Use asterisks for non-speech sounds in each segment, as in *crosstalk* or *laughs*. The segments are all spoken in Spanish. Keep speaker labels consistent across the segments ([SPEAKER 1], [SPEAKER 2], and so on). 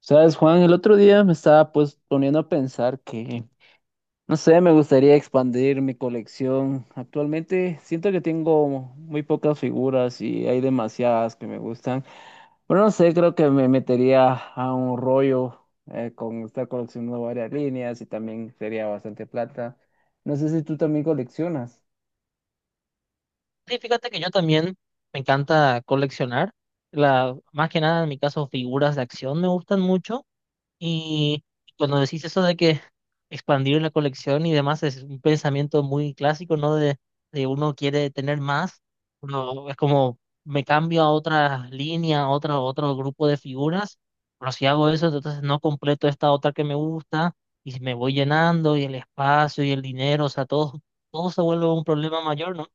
[SPEAKER 1] Sabes, Juan, el otro día me estaba pues poniendo a pensar que, no sé, me gustaría expandir mi colección. Actualmente siento que tengo muy pocas figuras y hay demasiadas que me gustan. Pero no sé, creo que me metería a un rollo con estar coleccionando varias líneas y también sería bastante plata. No sé si tú también coleccionas.
[SPEAKER 2] Sí, fíjate que yo también me encanta coleccionar, más que nada en mi caso figuras de acción me gustan mucho y cuando decís eso de que *laughs* expandir la colección y demás es un pensamiento muy clásico, ¿no? De uno quiere tener más, no, es como me cambio a otra línea, a otra, otro grupo de figuras, pero si hago eso, entonces no completo esta otra que me gusta y si me voy llenando y el espacio y el dinero, o sea, todo, todo se vuelve un problema mayor, ¿no?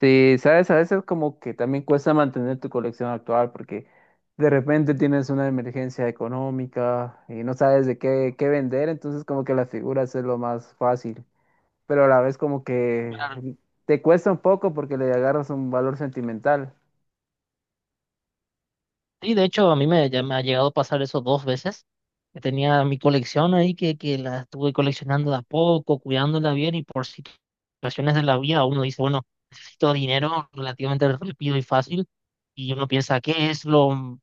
[SPEAKER 1] Sí, sabes, a veces como que también cuesta mantener tu colección actual porque de repente tienes una emergencia económica y no sabes de qué, qué vender, entonces como que las figuras es lo más fácil, pero a la vez como que te cuesta un poco porque le agarras un valor sentimental.
[SPEAKER 2] Sí, de hecho, ya me ha llegado a pasar eso dos veces. Que tenía mi colección ahí que la estuve coleccionando de a poco, cuidándola bien y por situaciones de la vida uno dice, bueno, necesito dinero relativamente rápido y fácil y uno piensa, ¿qué es lo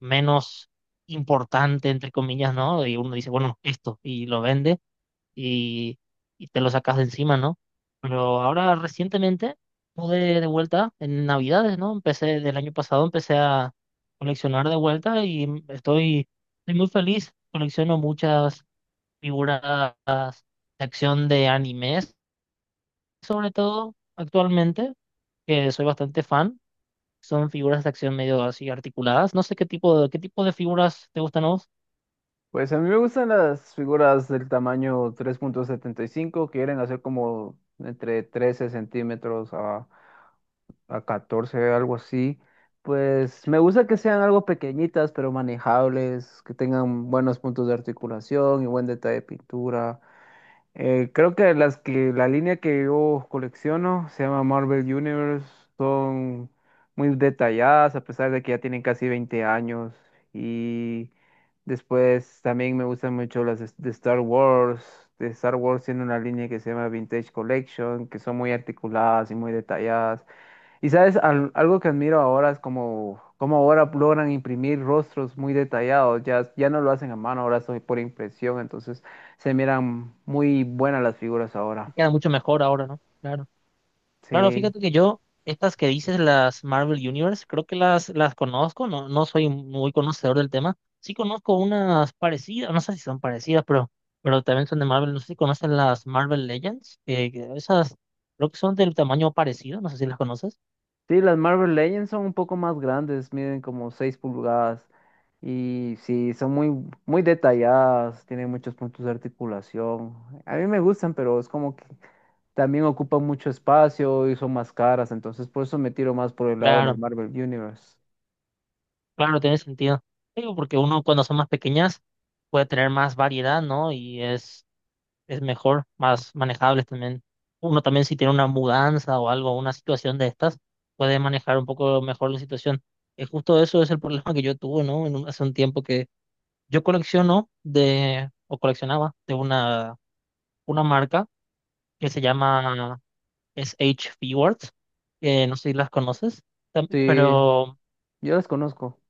[SPEAKER 2] menos importante, entre comillas? ¿No? Y uno dice, bueno, esto y lo vende y, y te lo sacas de encima, ¿no? Pero ahora recientemente pude de vuelta en Navidades, ¿no? Empecé del año pasado, empecé a coleccionar de vuelta y estoy muy feliz. Colecciono muchas figuras de acción de animes, sobre todo actualmente, que soy bastante fan. Son figuras de acción medio así articuladas. No sé qué tipo de figuras te gustan a vos.
[SPEAKER 1] Pues a mí me gustan las figuras del tamaño 3,75 que quieren hacer como entre 13 cm a 14, algo así. Pues me gusta que sean algo pequeñitas, pero manejables, que tengan buenos puntos de articulación y buen detalle de pintura. Creo que las que la línea que yo colecciono se llama Marvel Universe, son muy detalladas a pesar de que ya tienen casi 20 años. Y después también me gustan mucho las de Star Wars. De Star Wars tiene una línea que se llama Vintage Collection, que son muy articuladas y muy detalladas. Y sabes, algo que admiro ahora es como, como ahora logran imprimir rostros muy detallados, ya, ya no lo hacen a mano, ahora soy por impresión, entonces se miran muy buenas las figuras ahora.
[SPEAKER 2] Y queda mucho mejor ahora, ¿no? Claro. Claro,
[SPEAKER 1] Sí,
[SPEAKER 2] fíjate que yo, estas que dices, las Marvel Universe, creo que las conozco, no, no soy muy conocedor del tema. Sí conozco unas parecidas, no sé si son parecidas, pero también son de Marvel. No sé si conocen las Marvel Legends, que esas creo que son del tamaño parecido, no sé si las conoces.
[SPEAKER 1] sí, las Marvel Legends son un poco más grandes, miden como 6 pulgadas y sí, son muy, muy detalladas, tienen muchos puntos de articulación. A mí me gustan, pero es como que también ocupan mucho espacio y son más caras, entonces por eso me tiro más por el lado de las
[SPEAKER 2] Claro,
[SPEAKER 1] Marvel Universe.
[SPEAKER 2] claro, tiene sentido. Digo, porque uno cuando son más pequeñas puede tener más variedad, ¿no? Y es mejor, más manejables también. Uno también si tiene una mudanza o algo, una situación de estas, puede manejar un poco mejor la situación. Es justo eso es el problema que yo tuve, ¿no? Hace un tiempo que yo colecciono o coleccionaba de una marca que se llama S H Words, que no sé si las conoces,
[SPEAKER 1] Sí,
[SPEAKER 2] pero...
[SPEAKER 1] yo las conozco.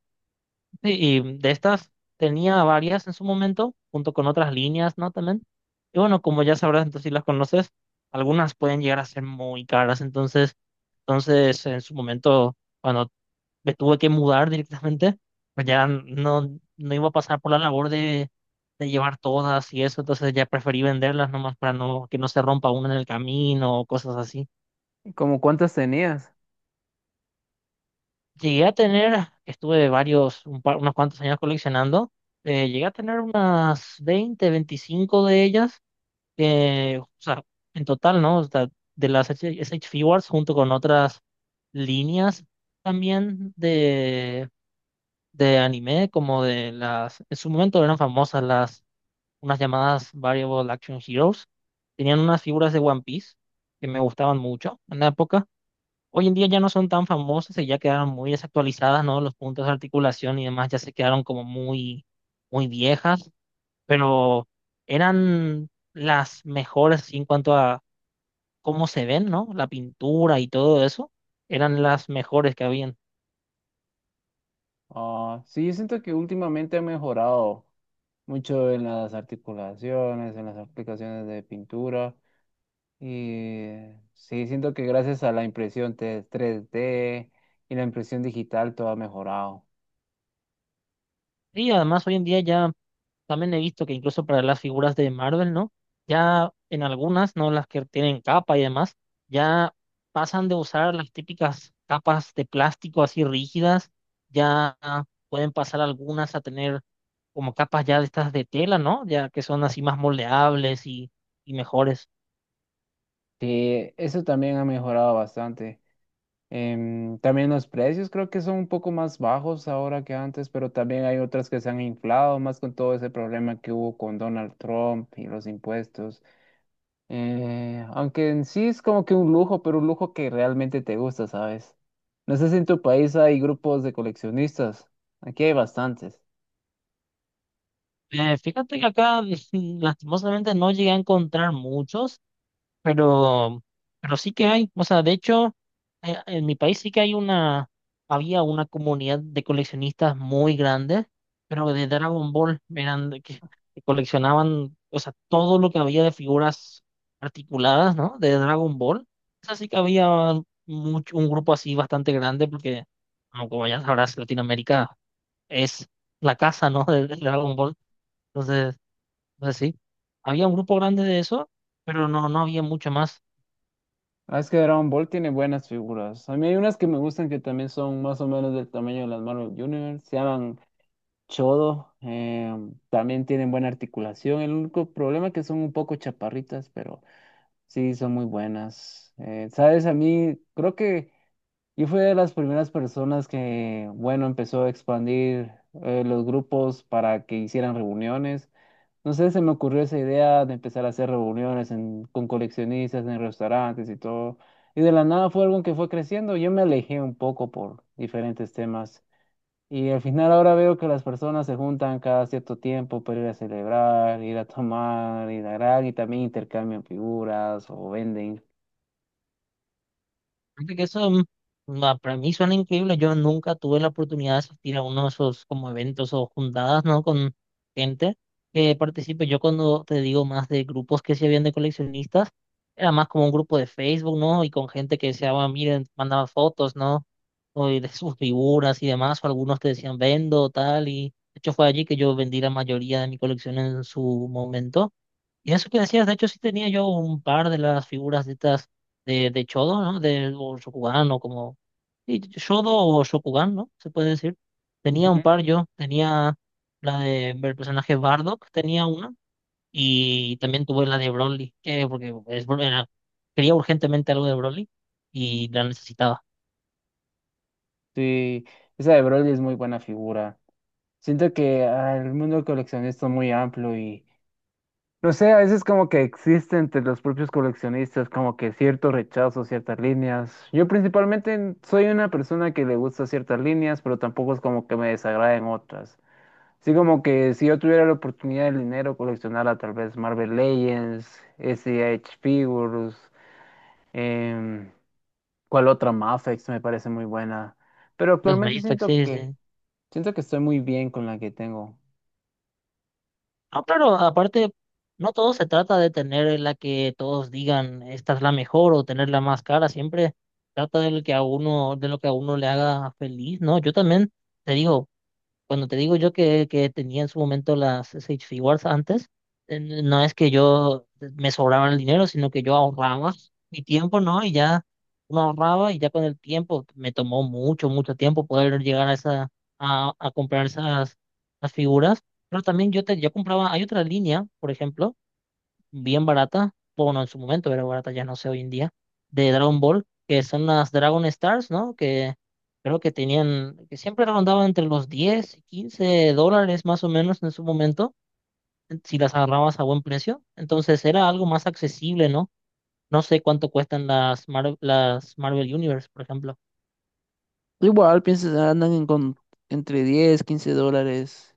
[SPEAKER 2] Sí, y de estas tenía varias en su momento, junto con otras líneas, ¿no? También. Y bueno, como ya sabrás, entonces si las conoces, algunas pueden llegar a ser muy caras. Entonces en su momento, cuando me tuve que mudar directamente, pues ya no, no iba a pasar por la labor de llevar todas y eso. Entonces ya preferí venderlas nomás para no, que no se rompa una en el camino o cosas así.
[SPEAKER 1] ¿Como cuántas tenías?
[SPEAKER 2] Llegué a tener, estuve varios, unos cuantos años coleccionando, llegué a tener unas 20, 25 de ellas, que, o sea, en total, ¿no? O sea, de las SH Figures junto con otras líneas también de anime, como de las, en su momento eran famosas las, unas llamadas Variable Action Heroes, tenían unas figuras de One Piece que me gustaban mucho en la época. Hoy en día ya no son tan famosas y ya quedaron muy desactualizadas, ¿no? Los puntos de articulación y demás ya se quedaron como muy, muy viejas, pero eran las mejores así en cuanto a cómo se ven, ¿no? La pintura y todo eso, eran las mejores que habían.
[SPEAKER 1] Ah, sí, yo siento que últimamente ha mejorado mucho en las articulaciones, en las aplicaciones de pintura. Y sí, siento que gracias a la 3D y la impresión digital todo ha mejorado.
[SPEAKER 2] Y además hoy en día ya también he visto que incluso para las figuras de Marvel, ¿no? Ya en algunas, ¿no? Las que tienen capa y demás, ya pasan de usar las típicas capas de plástico así rígidas, ya pueden pasar algunas a tener como capas ya de estas de tela, ¿no? Ya que son así más moldeables y mejores.
[SPEAKER 1] Sí, eso también ha mejorado bastante. También los precios creo que son un poco más bajos ahora que antes, pero también hay otras que se han inflado más con todo ese problema que hubo con Donald Trump y los impuestos. Aunque en sí es como que un lujo, pero un lujo que realmente te gusta, ¿sabes? No sé si en tu país hay grupos de coleccionistas. Aquí hay bastantes.
[SPEAKER 2] Fíjate que acá *laughs* lastimosamente no llegué a encontrar muchos, pero, pero sí que hay. O sea, de hecho, en mi país sí que hay había una comunidad de coleccionistas muy grande, pero de Dragon Ball eran de que coleccionaban, o sea, todo lo que había de figuras articuladas, ¿no? De Dragon Ball. Eso sí que había mucho, un grupo así bastante grande, porque como ya sabrás, Latinoamérica es la casa, ¿no? *laughs* de Dragon Ball. Entonces, pues sí, había un grupo grande de eso, pero no, no había mucho más.
[SPEAKER 1] Ah, es que Dragon Ball tiene buenas figuras. A mí hay unas que me gustan que también son más o menos del tamaño de las Marvel Universe. Se llaman Chodo. También tienen buena articulación. El único problema es que son un poco chaparritas, pero sí, son muy buenas. ¿Sabes? A mí creo que... Y fue de las primeras personas que, bueno, empezó a expandir los grupos para que hicieran reuniones. No sé, se me ocurrió esa idea de empezar a hacer reuniones con coleccionistas en restaurantes y todo. Y de la nada fue algo que fue creciendo. Yo me alejé un poco por diferentes temas. Y al final ahora veo que las personas se juntan cada cierto tiempo para ir a celebrar, ir a tomar, ir a gran y también intercambian figuras o venden.
[SPEAKER 2] Fíjate que eso para mí suena increíble. Yo nunca tuve la oportunidad de asistir a uno de esos como eventos o juntadas, ¿no? Con gente que participe. Yo cuando te digo más de grupos que se habían de coleccionistas, era más como un grupo de Facebook, ¿no? Y con gente que deseaba, miren, mandaban fotos, ¿no? O de sus figuras y demás, o algunos te decían vendo, tal, y de hecho fue allí que yo vendí la mayoría de mi colección en su momento. Y eso que decías, de hecho sí tenía yo un par de las figuras de estas de Chodo, ¿no? O Shokugan o como... Sí, Shodo o Shokugan, ¿no? Se puede decir. Tenía
[SPEAKER 1] Ujú.
[SPEAKER 2] un par yo, tenía la del personaje Bardock, tenía una, y también tuve la de Broly, porque quería urgentemente algo de Broly y la necesitaba.
[SPEAKER 1] Sí, esa de Broly es muy buena figura. Siento que el mundo coleccionista es muy amplio y no sé, a veces como que existe entre los propios coleccionistas como que cierto rechazo, ciertas líneas. Yo principalmente soy una persona que le gusta ciertas líneas, pero tampoco es como que me desagraden otras. Así como que si yo tuviera la oportunidad del dinero, coleccionara tal vez Marvel Legends, SH Figures, em, ¿cuál otra? Mafex me parece muy buena. Pero
[SPEAKER 2] Los
[SPEAKER 1] actualmente
[SPEAKER 2] Magistrat, sí, sí.
[SPEAKER 1] siento que estoy muy bien con la que tengo.
[SPEAKER 2] No, claro, aparte, no todo se trata de tener la que todos digan esta es la mejor o tener la más cara, siempre trata de lo que a uno le haga feliz, ¿no? Yo también te digo, cuando te digo yo que tenía en su momento las SH Figuarts antes, no es que yo me sobraba el dinero, sino que yo ahorraba mi tiempo, ¿no? Y ya uno ahorraba y ya con el tiempo me tomó mucho, mucho tiempo poder llegar a esa, a comprar esas, las figuras. Pero también yo compraba, hay otra línea, por ejemplo bien barata, bueno, en su momento era barata, ya no sé hoy en día, de Dragon Ball, que son las Dragon Stars, ¿no? Que creo que tenían, que siempre rondaban entre los 10 y $15 más o menos en su momento, si las agarrabas a buen precio. Entonces era algo más accesible, ¿no? No sé cuánto cuestan las Marvel Universe, por ejemplo.
[SPEAKER 1] Igual, piensas, ah, andan, entre 10, 15 dólares.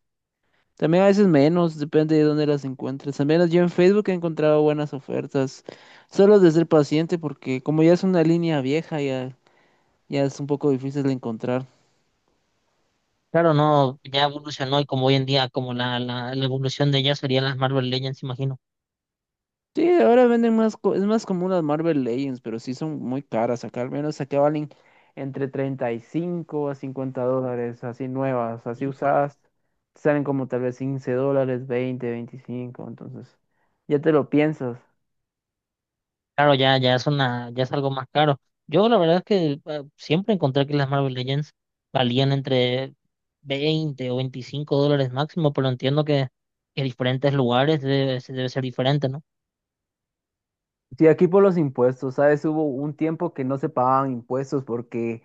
[SPEAKER 1] También a veces menos, depende de dónde las encuentres. Al menos yo en Facebook he encontrado buenas ofertas. Solo de ser paciente, porque como ya es una línea vieja, ya, ya es un poco difícil de encontrar.
[SPEAKER 2] Claro, no, ya evolucionó y como hoy en día, como la evolución de ellas serían las Marvel Legends, imagino.
[SPEAKER 1] Sí, ahora venden más, es más común las Marvel Legends, pero sí son muy caras. Acá al menos acá valen entre 35 a 50 dólares, así nuevas. Así usadas, salen como tal vez 15 dólares, 20, 25 entonces ya te lo piensas.
[SPEAKER 2] Claro, ya es algo más caro. Yo la verdad es que siempre encontré que las Marvel Legends valían entre $20 o $25 máximo, pero entiendo que, en diferentes lugares debe ser diferente, ¿no?
[SPEAKER 1] Sí, aquí por los impuestos, ¿sabes? Hubo un tiempo que no se pagaban impuestos porque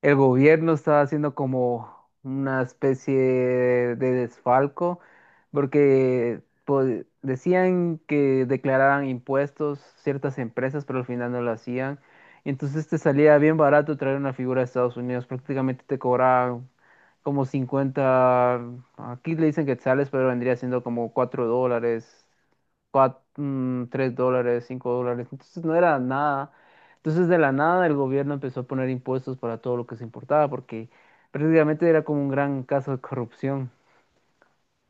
[SPEAKER 1] el gobierno estaba haciendo como una especie de desfalco, porque pues, decían que declararan impuestos ciertas empresas, pero al final no lo hacían. Y entonces te salía bien barato traer una figura de Estados Unidos, prácticamente te cobraban como 50, aquí le dicen quetzales, pero vendría siendo como 4 dólares, cuatro, tres dólares, 5 dólares. Entonces no era nada. Entonces de la nada el gobierno empezó a poner impuestos para todo lo que se importaba porque prácticamente era como un gran caso de corrupción.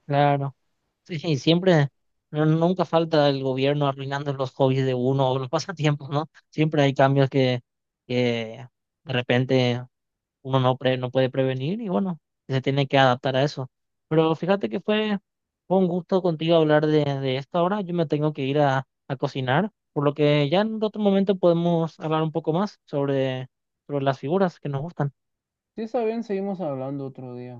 [SPEAKER 2] Claro. Sí, sí, siempre, nunca falta el gobierno arruinando los hobbies de uno o los *laughs* pasatiempos, ¿no? Siempre hay cambios que de repente uno no puede prevenir y bueno, se tiene que adaptar a eso. Pero fíjate que fue un gusto contigo hablar de esto ahora. Yo me tengo que ir a cocinar, por lo que ya en otro momento podemos hablar un poco más sobre las figuras que nos gustan.
[SPEAKER 1] Si está bien, seguimos hablando otro día.